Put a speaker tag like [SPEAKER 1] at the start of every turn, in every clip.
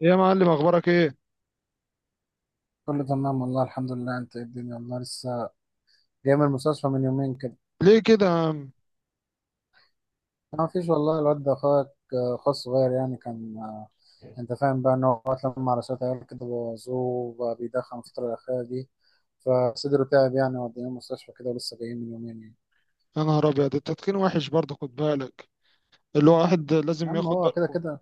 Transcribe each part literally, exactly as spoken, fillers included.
[SPEAKER 1] يا معلم، اخبارك ايه؟
[SPEAKER 2] كله تمام والله الحمد لله. انت ايه الدنيا؟ والله لسه جاي من المستشفى من يومين كده.
[SPEAKER 1] ليه كده يا عم؟
[SPEAKER 2] ما فيش والله، الواد ده اخوك، آه اخوه الصغير يعني كان، آه، انت فاهم بقى ان هو اتلم على شويه عيال كده بوظوه، وبقى بيدخن الفتره الاخيره دي، فصدره تعب يعني، وديناه المستشفى كده ولسه جايين من يومين يعني.
[SPEAKER 1] يا نهار ابيض، التدخين وحش برضه، خد بالك. اللي هو واحد
[SPEAKER 2] يا
[SPEAKER 1] لازم
[SPEAKER 2] عم
[SPEAKER 1] ياخد
[SPEAKER 2] هو كده
[SPEAKER 1] باله
[SPEAKER 2] كده.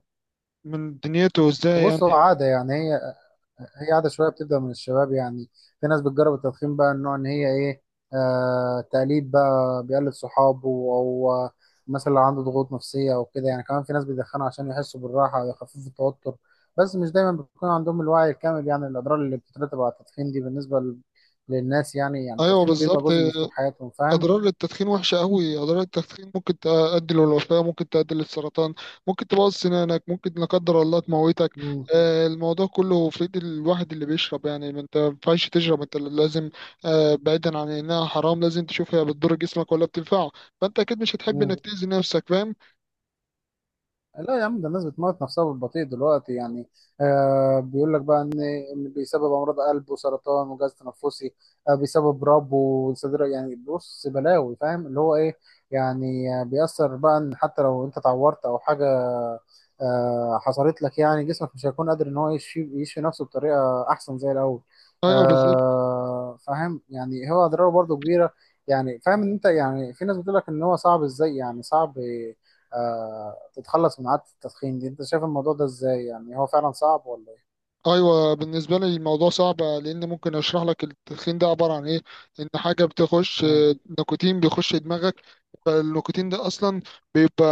[SPEAKER 1] من دنيته، ازاي يعني.
[SPEAKER 2] بص هو عاده يعني، هي هي عادة شوية بتبدأ من الشباب يعني. في ناس بتجرب التدخين، بقى النوع إن هي إيه، آه تقليد، بقى بيقلد صحابه، أو آه، مثلا لو عنده ضغوط نفسية أو كده يعني. كمان في ناس بيدخنوا عشان يحسوا بالراحة ويخففوا التوتر، بس مش دايما بيكون عندهم الوعي الكامل، يعني الأضرار اللي بتترتب على التدخين دي بالنسبة لل- للناس يعني يعني
[SPEAKER 1] ايوه
[SPEAKER 2] التدخين بيبقى
[SPEAKER 1] بالظبط.
[SPEAKER 2] جزء من أسلوب حياتهم، فاهم؟
[SPEAKER 1] اضرار التدخين وحشه قوي، اضرار التدخين ممكن تؤدي للوفاه، ممكن تؤدي للسرطان، ممكن تبوظ سنانك، ممكن لا قدر الله تموتك.
[SPEAKER 2] مم.
[SPEAKER 1] آه، الموضوع كله في ايد الواحد اللي بيشرب يعني، ما انت ما ينفعش تشرب، انت لازم آه، بعيدا عن انها حرام، لازم تشوف هي بتضر جسمك ولا بتنفعه. فانت اكيد مش هتحب
[SPEAKER 2] مم.
[SPEAKER 1] انك تاذي نفسك، فاهم؟
[SPEAKER 2] لا يا عم، ده الناس بتموت نفسها بالبطيء دلوقتي يعني. آه بيقول لك بقى ان إن بيسبب امراض قلب وسرطان وجهاز تنفسي، آه بيسبب رب وصدر، يعني بص بلاوي، فاهم اللي هو ايه. يعني آه، بيأثر بقى ان حتى لو انت اتعورت او حاجه آه حصلت لك، يعني جسمك مش هيكون قادر ان هو يشفي يشفي نفسه بطريقه احسن زي الاول.
[SPEAKER 1] ايوه بالظبط.
[SPEAKER 2] آه فاهم يعني، هو اضراره برضو كبيره. يعني فاهم ان انت، يعني في ناس بتقول لك ان هو صعب ازاي، يعني صعب آه تتخلص من عادة التدخين دي. انت شايف الموضوع ده ازاي، يعني هو فعلا صعب ولا ايه؟
[SPEAKER 1] ايوه بالنسبه لي الموضوع صعب، لان ممكن اشرح لك التدخين ده عباره عن ايه. ان حاجه بتخش،
[SPEAKER 2] اه.
[SPEAKER 1] نيكوتين بيخش دماغك. فالنيكوتين ده اصلا بيبقى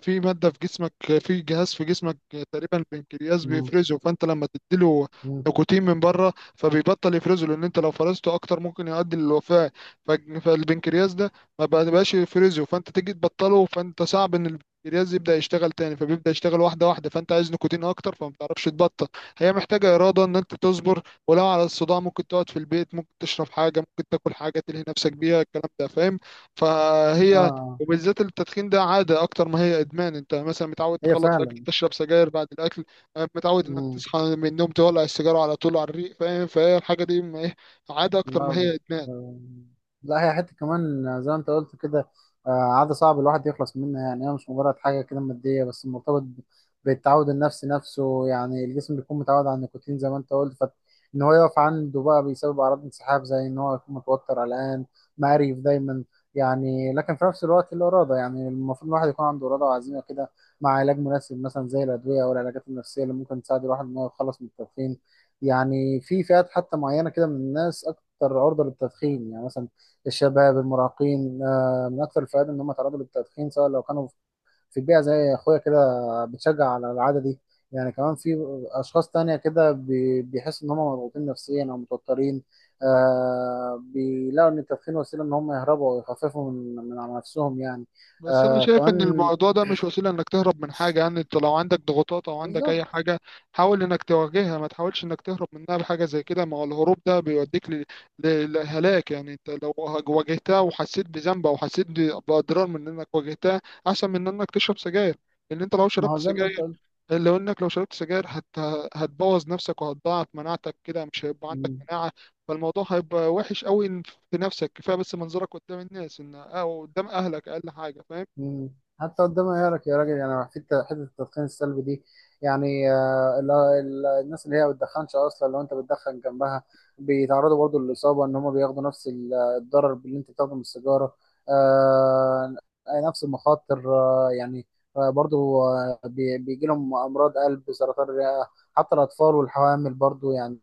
[SPEAKER 1] في ماده في جسمك، في جهاز في جسمك، تقريبا البنكرياس
[SPEAKER 2] مم.
[SPEAKER 1] بيفرزه. فانت لما تديله
[SPEAKER 2] مم.
[SPEAKER 1] نيكوتين من بره فبيبطل يفرزه، لان انت لو فرزته اكتر ممكن يؤدي للوفاه. ف- فالبنكرياس ده ما بقاش يفرزه، فانت تيجي تبطله فانت صعب ان البنكرياس يبدا يشتغل تاني، فبيبدا يشتغل واحده واحده، فانت عايز نيكوتين اكتر فما بتعرفش تبطل. هي محتاجة إرادة إن أنت تصبر، ولو على الصداع ممكن تقعد في البيت، ممكن تشرب حاجة، ممكن تاكل حاجة تلهي نفسك بيها، الكلام ده فاهم؟ فهي،
[SPEAKER 2] آه.
[SPEAKER 1] وبالذات التدخين ده عادة أكتر ما هي إدمان. أنت مثلا متعود
[SPEAKER 2] هي
[SPEAKER 1] تخلص أكل تشرب سجاير بعد الأكل، آه، متعود إنك
[SPEAKER 2] فعلا.
[SPEAKER 1] تصحى من النوم تولع السيجارة على طول على الريق، فاهم؟ فهي الحاجة دي ما إيه، عادة أكتر
[SPEAKER 2] لا
[SPEAKER 1] ما هي
[SPEAKER 2] بت...
[SPEAKER 1] إدمان.
[SPEAKER 2] لا هي حتة كمان زي ما انت قلت كده، آه، عادة صعب الواحد يخلص منها يعني. هي مش مجرد حاجة كده مادية بس، مرتبط ب- بالتعود النفسي نفسه، يعني الجسم بيكون متعود على النيكوتين زي ما انت قلت، فإن هو يقف عنده بقى بيسبب أعراض انسحاب، زي إن هو يكون متوتر قلقان مقريف دايما يعني. لكن في نفس الوقت الإرادة، يعني المفروض الواحد يكون عنده إرادة وعزيمة كده، مع علاج مناسب مثلا زي الأدوية أو العلاجات النفسية اللي ممكن تساعد الواحد إن هو يتخلص من التدخين. يعني في فئات حتى معينة كده من الناس اكتر عرضه للتدخين، يعني مثلا الشباب المراهقين، آه، من اكتر الفئات ان هم تعرضوا للتدخين، سواء لو كانوا في بيئه زي اخويا كده بتشجع على العاده دي. يعني كمان في اشخاص تانية كده بي- بيحسوا ان هم مضغوطين نفسيا او متوترين، آه بيلاقوا ان التدخين وسيله ان هم يهربوا ويخففوا من من على نفسهم يعني.
[SPEAKER 1] بس انا
[SPEAKER 2] آه
[SPEAKER 1] شايف ان
[SPEAKER 2] كمان
[SPEAKER 1] الموضوع ده مش وسيله انك تهرب من حاجه، يعني انت لو عندك ضغوطات او عندك
[SPEAKER 2] بالظبط.
[SPEAKER 1] اي حاجه حاول انك تواجهها، ما تحاولش انك تهرب منها بحاجه زي كده. ما هو الهروب ده بيوديك ل- ل- للهلاك، يعني انت لو واجهتها وحسيت بذنب او حسيت ب- باضرار من انك واجهتها، احسن من انك تشرب سجاير. لان انت لو
[SPEAKER 2] ما
[SPEAKER 1] شربت
[SPEAKER 2] هو زي ما انت
[SPEAKER 1] سجاير، لو انك لو شربت سجاير هت... هتبوظ نفسك وهتضاعف مناعتك كده، مش هيبقى عندك
[SPEAKER 2] قلت.
[SPEAKER 1] مناعه. فالموضوع هيبقى وحش قوي في نفسك، كفايه بس منظرك قدام الناس ان او قدام اهلك اقل حاجه، فاهم؟
[SPEAKER 2] مم. حتى قدام عيالك يا راجل، يعني حته حته التدخين السلبي دي، يعني آه، ال- ال- الناس اللي هي ما بتدخنش اصلا، لو انت بتدخن جنبها بيتعرضوا برضو للاصابه، ان هم بياخدوا نفس ال- الضرر اللي انت بتاخده من السيجاره، آه، نفس المخاطر، آه، يعني آه، برضو آه، بي- بيجي لهم امراض قلب سرطان الرئه، حتى الاطفال والحوامل برضو يعني.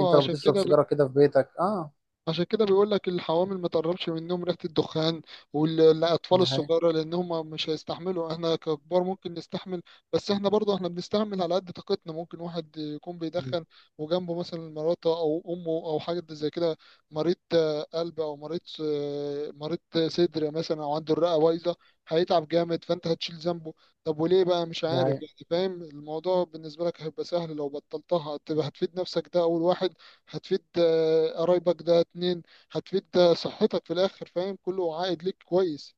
[SPEAKER 2] انت لو
[SPEAKER 1] عشان
[SPEAKER 2] بتشرب
[SPEAKER 1] كده.
[SPEAKER 2] سيجاره كده في بيتك، اه.
[SPEAKER 1] عشان كده بيقول لك الحوامل ما تقربش منهم ريحة الدخان، والأطفال
[SPEAKER 2] ده هي.
[SPEAKER 1] الصغيرة، لأن هم مش هيستحملوا. احنا ككبار ممكن نستحمل، بس احنا برضه احنا بنستحمل على قد طاقتنا. ممكن واحد يكون بيدخن وجنبه مثلا مراته أو أمه أو حاجة زي كده، مريض آه، قلب أو مريض، آه، مريض صدر مثلا، أو عنده الرئة بايظة، هيتعب جامد فأنت هتشيل ذنبه. طب وليه بقى؟ مش
[SPEAKER 2] ده
[SPEAKER 1] عارف
[SPEAKER 2] هي.
[SPEAKER 1] يعني. فاهم الموضوع بالنسبة لك هيبقى سهل، لو بطلتها هتبقى هتفيد نفسك، ده أول واحد. هتفيد آه، قرايبك، ده اتنين. هتفيد آه، صحتك في الاخر، فاهم؟ كله عائد ليك كويس.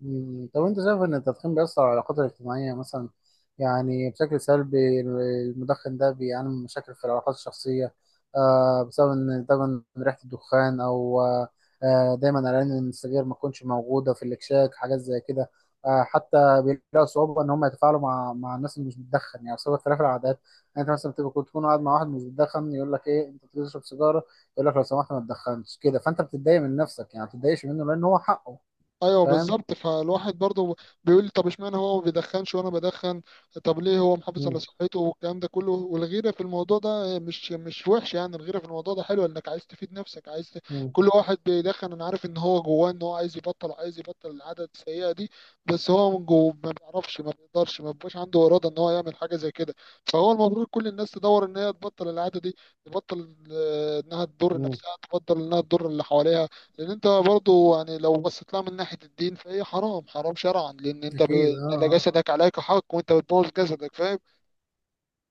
[SPEAKER 2] مم. طب انت شايف ان التدخين بيأثر على العلاقات الاجتماعية مثلا، يعني بشكل سلبي؟ المدخن ده بيعاني من مشاكل في العلاقات الشخصية، آه بسبب ان دايما ريحة الدخان، او آه آه، دايما قلقان ان السجاير ما تكونش موجودة في الاكشاك، حاجات زي كده. آه حتى بيلاقوا صعوبة ان هم يتفاعلوا مع مع الناس اللي مش بتدخن، يعني بسبب اختلاف العادات. يعني انت مثلا بتبقى كنت تكون قاعد مع واحد مش بتدخن، يقول لك ايه انت بتشرب سيجارة، يقول لك لو سمحت ما تدخنش كده، فانت بتتضايق من نفسك يعني، ما بتتضايقش منه لان هو حقه،
[SPEAKER 1] ايوه
[SPEAKER 2] فاهم؟
[SPEAKER 1] بالظبط. فالواحد برضه بيقول لي، طب اشمعنى هو ما بيدخنش وانا بدخن؟ طب ليه هو محافظ على
[SPEAKER 2] مم.
[SPEAKER 1] صحته والكلام ده كله؟ والغيره في الموضوع ده مش مش وحش، يعني الغيره في الموضوع ده حلوه، انك عايز تفيد نفسك، عايز ت...
[SPEAKER 2] مم.
[SPEAKER 1] كل واحد بيدخن انا عارف ان هو جواه ان هو عايز يبطل، عايز يبطل العاده السيئه دي، بس هو من جوه ما بيعرفش، ما بيقدرش، ما بيبقاش عنده اراده ان هو يعمل حاجه زي كده. فهو المفروض كل الناس تدور ان هي تبطل العاده دي، تبطل آه، انها تضر
[SPEAKER 2] مم.
[SPEAKER 1] نفسها، تبطل انها تضر اللي حواليها. لان انت برضو، يعني لو بصيت لها من ناحيه الدين فهي حرام، حرام شرعا، لان انت
[SPEAKER 2] أكيد
[SPEAKER 1] ب...
[SPEAKER 2] أه
[SPEAKER 1] على
[SPEAKER 2] آه.
[SPEAKER 1] جسدك عليك حق، وانت بتبوظ جسدك، فاهم؟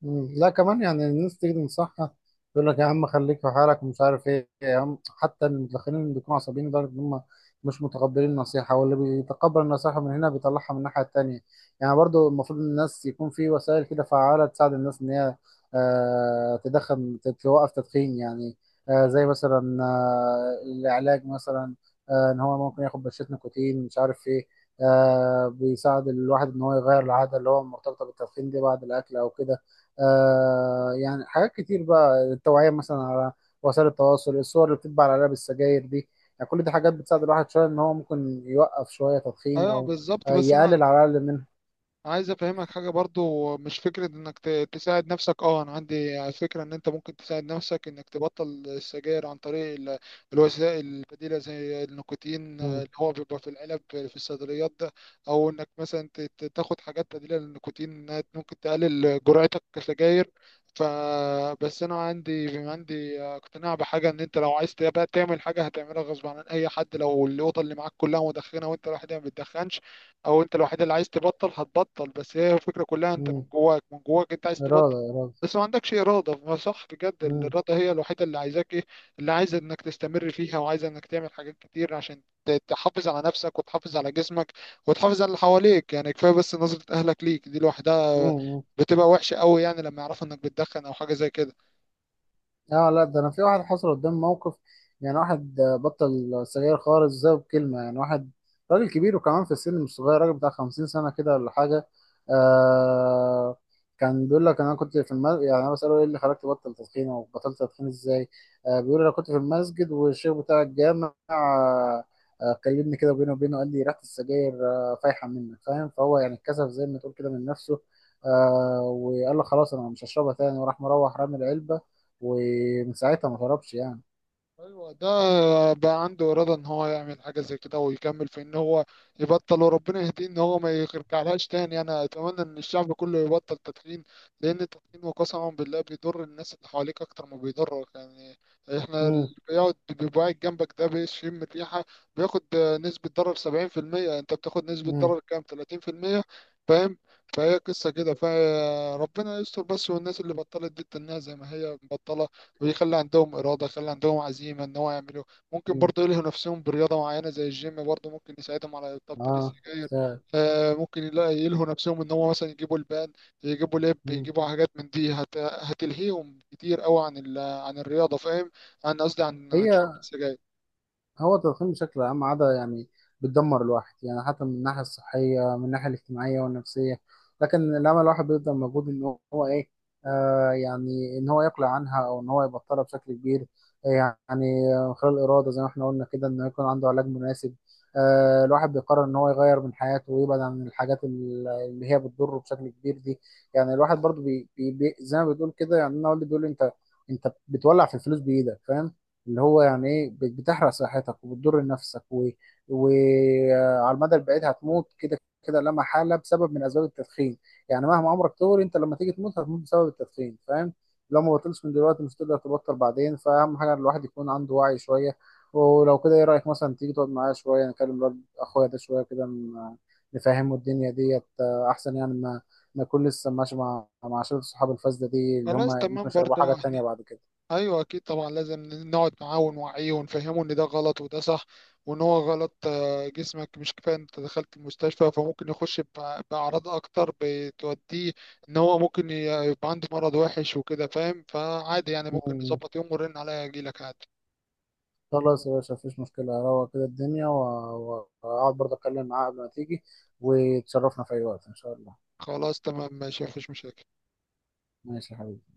[SPEAKER 2] مم. لا كمان يعني الناس تيجي تنصحها، يقول لك يا عم خليك في حالك ومش عارف ايه يا عم، حتى المدخنين اللي بيكونوا عصبيين لدرجه ان هم مش متقبلين النصيحه، واللي بيتقبل النصيحه من هنا بيطلعها من الناحيه التانيه. يعني برضو المفروض الناس يكون في وسائل كده فعاله تساعد الناس ان هي آه تدخن توقف تدخين يعني، آه زي مثلا آه العلاج مثلا، آه ان هو ممكن ياخد بشره نيكوتين مش عارف ايه، آه بيساعد الواحد ان هو يغير العاده اللي هو مرتبطه بالتدخين دي بعد الاكل او كده. آه يعني حاجات كتير، بقى التوعية مثلا على وسائل التواصل، الصور اللي بتتباع على علب السجاير دي، يعني كل دي حاجات بتساعد الواحد شوية إن هو ممكن يوقف شوية تدخين،
[SPEAKER 1] ايوه
[SPEAKER 2] أو
[SPEAKER 1] بالظبط.
[SPEAKER 2] آه
[SPEAKER 1] بس انا
[SPEAKER 2] يقلل على الأقل منها.
[SPEAKER 1] عايز افهمك حاجه برضو، مش فكره انك ت- تساعد نفسك. اه انا عندي فكره ان انت ممكن تساعد نفسك انك تبطل السجاير عن طريق ال- الوسائل البديله زي النيكوتين، آه،
[SPEAKER 2] مم.
[SPEAKER 1] اللي هو بيبقى في العلب في الصيدليات ده، او انك مثلا ت- ت- تاخد حاجات بديله للنيكوتين، إنها ممكن تقلل جرعتك كسجاير. ف، بس انا عندي عندي اقتناع بحاجه، ان انت لو عايز تبقى تعمل حاجه هتعملها غصب عن اي حد. لو الاوضه اللي معاك كلها مدخنه وانت لوحدها ما بتدخنش، او انت الوحيد اللي عايز تبطل، هتبطل. بس هي الفكره كلها انت من
[SPEAKER 2] مم.
[SPEAKER 1] جواك من جواك انت عايز تبطل،
[SPEAKER 2] إرادة إرادة.
[SPEAKER 1] بس ما عندكش اراده. ما صح بجد،
[SPEAKER 2] مم.
[SPEAKER 1] الاراده هي الوحيده اللي عايزاك ايه، اللي عايزه انك تستمر فيها، وعايزه انك تعمل حاجات كتير عشان ت- تحافظ على نفسك، وتحافظ على جسمك، وتحافظ على اللي حواليك. يعني كفايه بس نظره اهلك ليك دي لوحدها
[SPEAKER 2] مم.
[SPEAKER 1] بتبقى وحشه قوي، يعني لما يعرفوا انك بتدخن او حاجه زي كده.
[SPEAKER 2] اه لا، ده انا في واحد حصل قدام موقف، يعني واحد آه، بطل سجاير خالص زي بكلمة، يعني واحد راجل كبير وكمان في السن مش صغير، راجل بتاع خمسين سنة كده ولا حاجة. آه كان بيقول لك انا كنت في المسجد، يعني انا بسأله ايه اللي خلاك تبطل تدخين او بطلت تدخين ازاي، آه بيقول لي انا كنت في المسجد والشيخ بتاع الجامع آه آه، كلمني كده بينه وبينه، قال لي ريحة السجاير آه فايحة منك فاهم، فهو يعني اتكسف زي ما تقول كده من نفسه، آه وقال له خلاص انا مش هشربها تاني، وراح مروح رامي العلبة، ومن ساعتها ما هربش يعني.
[SPEAKER 1] ايوه ده بقى عنده اراده ان هو يعمل حاجه زي كده، ويكمل في ان هو يبطل. وربنا يهديه ان هو ما يرجعلهاش تاني. انا اتمنى ان الشعب كله يبطل تدخين، لان التدخين وقسما بالله بيضر الناس اللي حواليك اكتر ما بيضرك. يعني احنا اللي
[SPEAKER 2] امم.
[SPEAKER 1] بيقعد بيبقى قاعد جنبك ده بيشم الريحه، بياخد نسبه ضرر سبعين في المية، انت بتاخد نسبه
[SPEAKER 2] امم.
[SPEAKER 1] ضرر كام؟ تلاتين في المية. فاهم؟ فهي قصه كده، فربنا يستر بس، والناس اللي بطلت دي تنها زي ما هي مبطله، ويخلي عندهم إرادة، يخلي عندهم عزيمة إن هو يعملوا. ممكن
[SPEAKER 2] امم.
[SPEAKER 1] برضه يلهوا نفسهم برياضة معينة زي الجيم، برضه ممكن يساعدهم على تبطيل
[SPEAKER 2] اه.
[SPEAKER 1] السجاير.
[SPEAKER 2] ساعد.
[SPEAKER 1] آه، ممكن يلا- يلهوا نفسهم إن هو مثلا يجيبوا البان، يجيبوا لب،
[SPEAKER 2] مم.
[SPEAKER 1] يجيبوا حاجات من دي، هت... هتلهيهم كتير أوي عن ال... عن الرياضة، فاهم؟ عن قصدي عن عن شرب
[SPEAKER 2] هي.
[SPEAKER 1] السجاير.
[SPEAKER 2] هو التدخين بشكل عام عادة يعني بتدمر الواحد، يعني حتى من الناحية الصحية، من الناحية الاجتماعية والنفسية. لكن لما الواحد بيبذل مجهود إن هو إيه، آه يعني إن هو يقلع عنها أو إن هو يبطلها بشكل كبير، آه، يعني آه، خلال الإرادة زي ما إحنا قلنا كده، إنه يكون عنده علاج مناسب، آه الواحد بيقرر إن هو يغير من حياته ويبعد عن الحاجات ال- اللي هي بتضره بشكل كبير دي. يعني الواحد برضه بي بي بي- زي ما بتقول كده، يعني أنا والدي بيقول لي أنت أنت بتولع في الفلوس بإيدك فاهم، اللي هو يعني ايه، بت- بتحرق صحتك وبتضر نفسك و... وعلى المدى البعيد هتموت كده كده لا محاله، بسبب من اسباب التدخين يعني. مهما عمرك طول، انت لما تيجي تموت هتموت بسبب التدخين فاهم، لو ما بطلش من دلوقتي مش تقدر تبطل بعدين فاهم حاجه. الواحد يكون عنده وعي شويه. ولو كده ايه رايك مثلا تيجي تقعد معايا شويه، نكلم الواد اخويا ده شويه كده، ن- نفهمه الدنيا ديت آه، احسن، يعني ما ما يكون لسه ماشي مع مع شله صحاب الفاسده دي اللي هم
[SPEAKER 1] خلاص
[SPEAKER 2] ممكن
[SPEAKER 1] تمام
[SPEAKER 2] يشربوا
[SPEAKER 1] برضه.
[SPEAKER 2] حاجات تانية بعد
[SPEAKER 1] ايوه اكيد طبعا، لازم نقعد معاه ونوعيه ونفهمه ان ده غلط وده صح، وان هو غلط. آه، جسمك مش كفايه انت دخلت المستشفى، فممكن يخش بأ- باعراض اكتر بتوديه، ان هو ممكن ي- يبقى عنده مرض وحش وكده، فاهم؟ فعادي يعني، ممكن
[SPEAKER 2] كده.
[SPEAKER 1] نظبط يوم ونرن عليا اجيلك عادي.
[SPEAKER 2] خلاص يا باشا مفيش مشكلة، أروق كده الدنيا و- و- وأقعد برضه أتكلم معاه قبل ما تيجي، وتشرفنا في أي وقت إن شاء الله.
[SPEAKER 1] خلاص تمام ماشي، مفيش مشاكل.
[SPEAKER 2] ماشي يا حبيبي.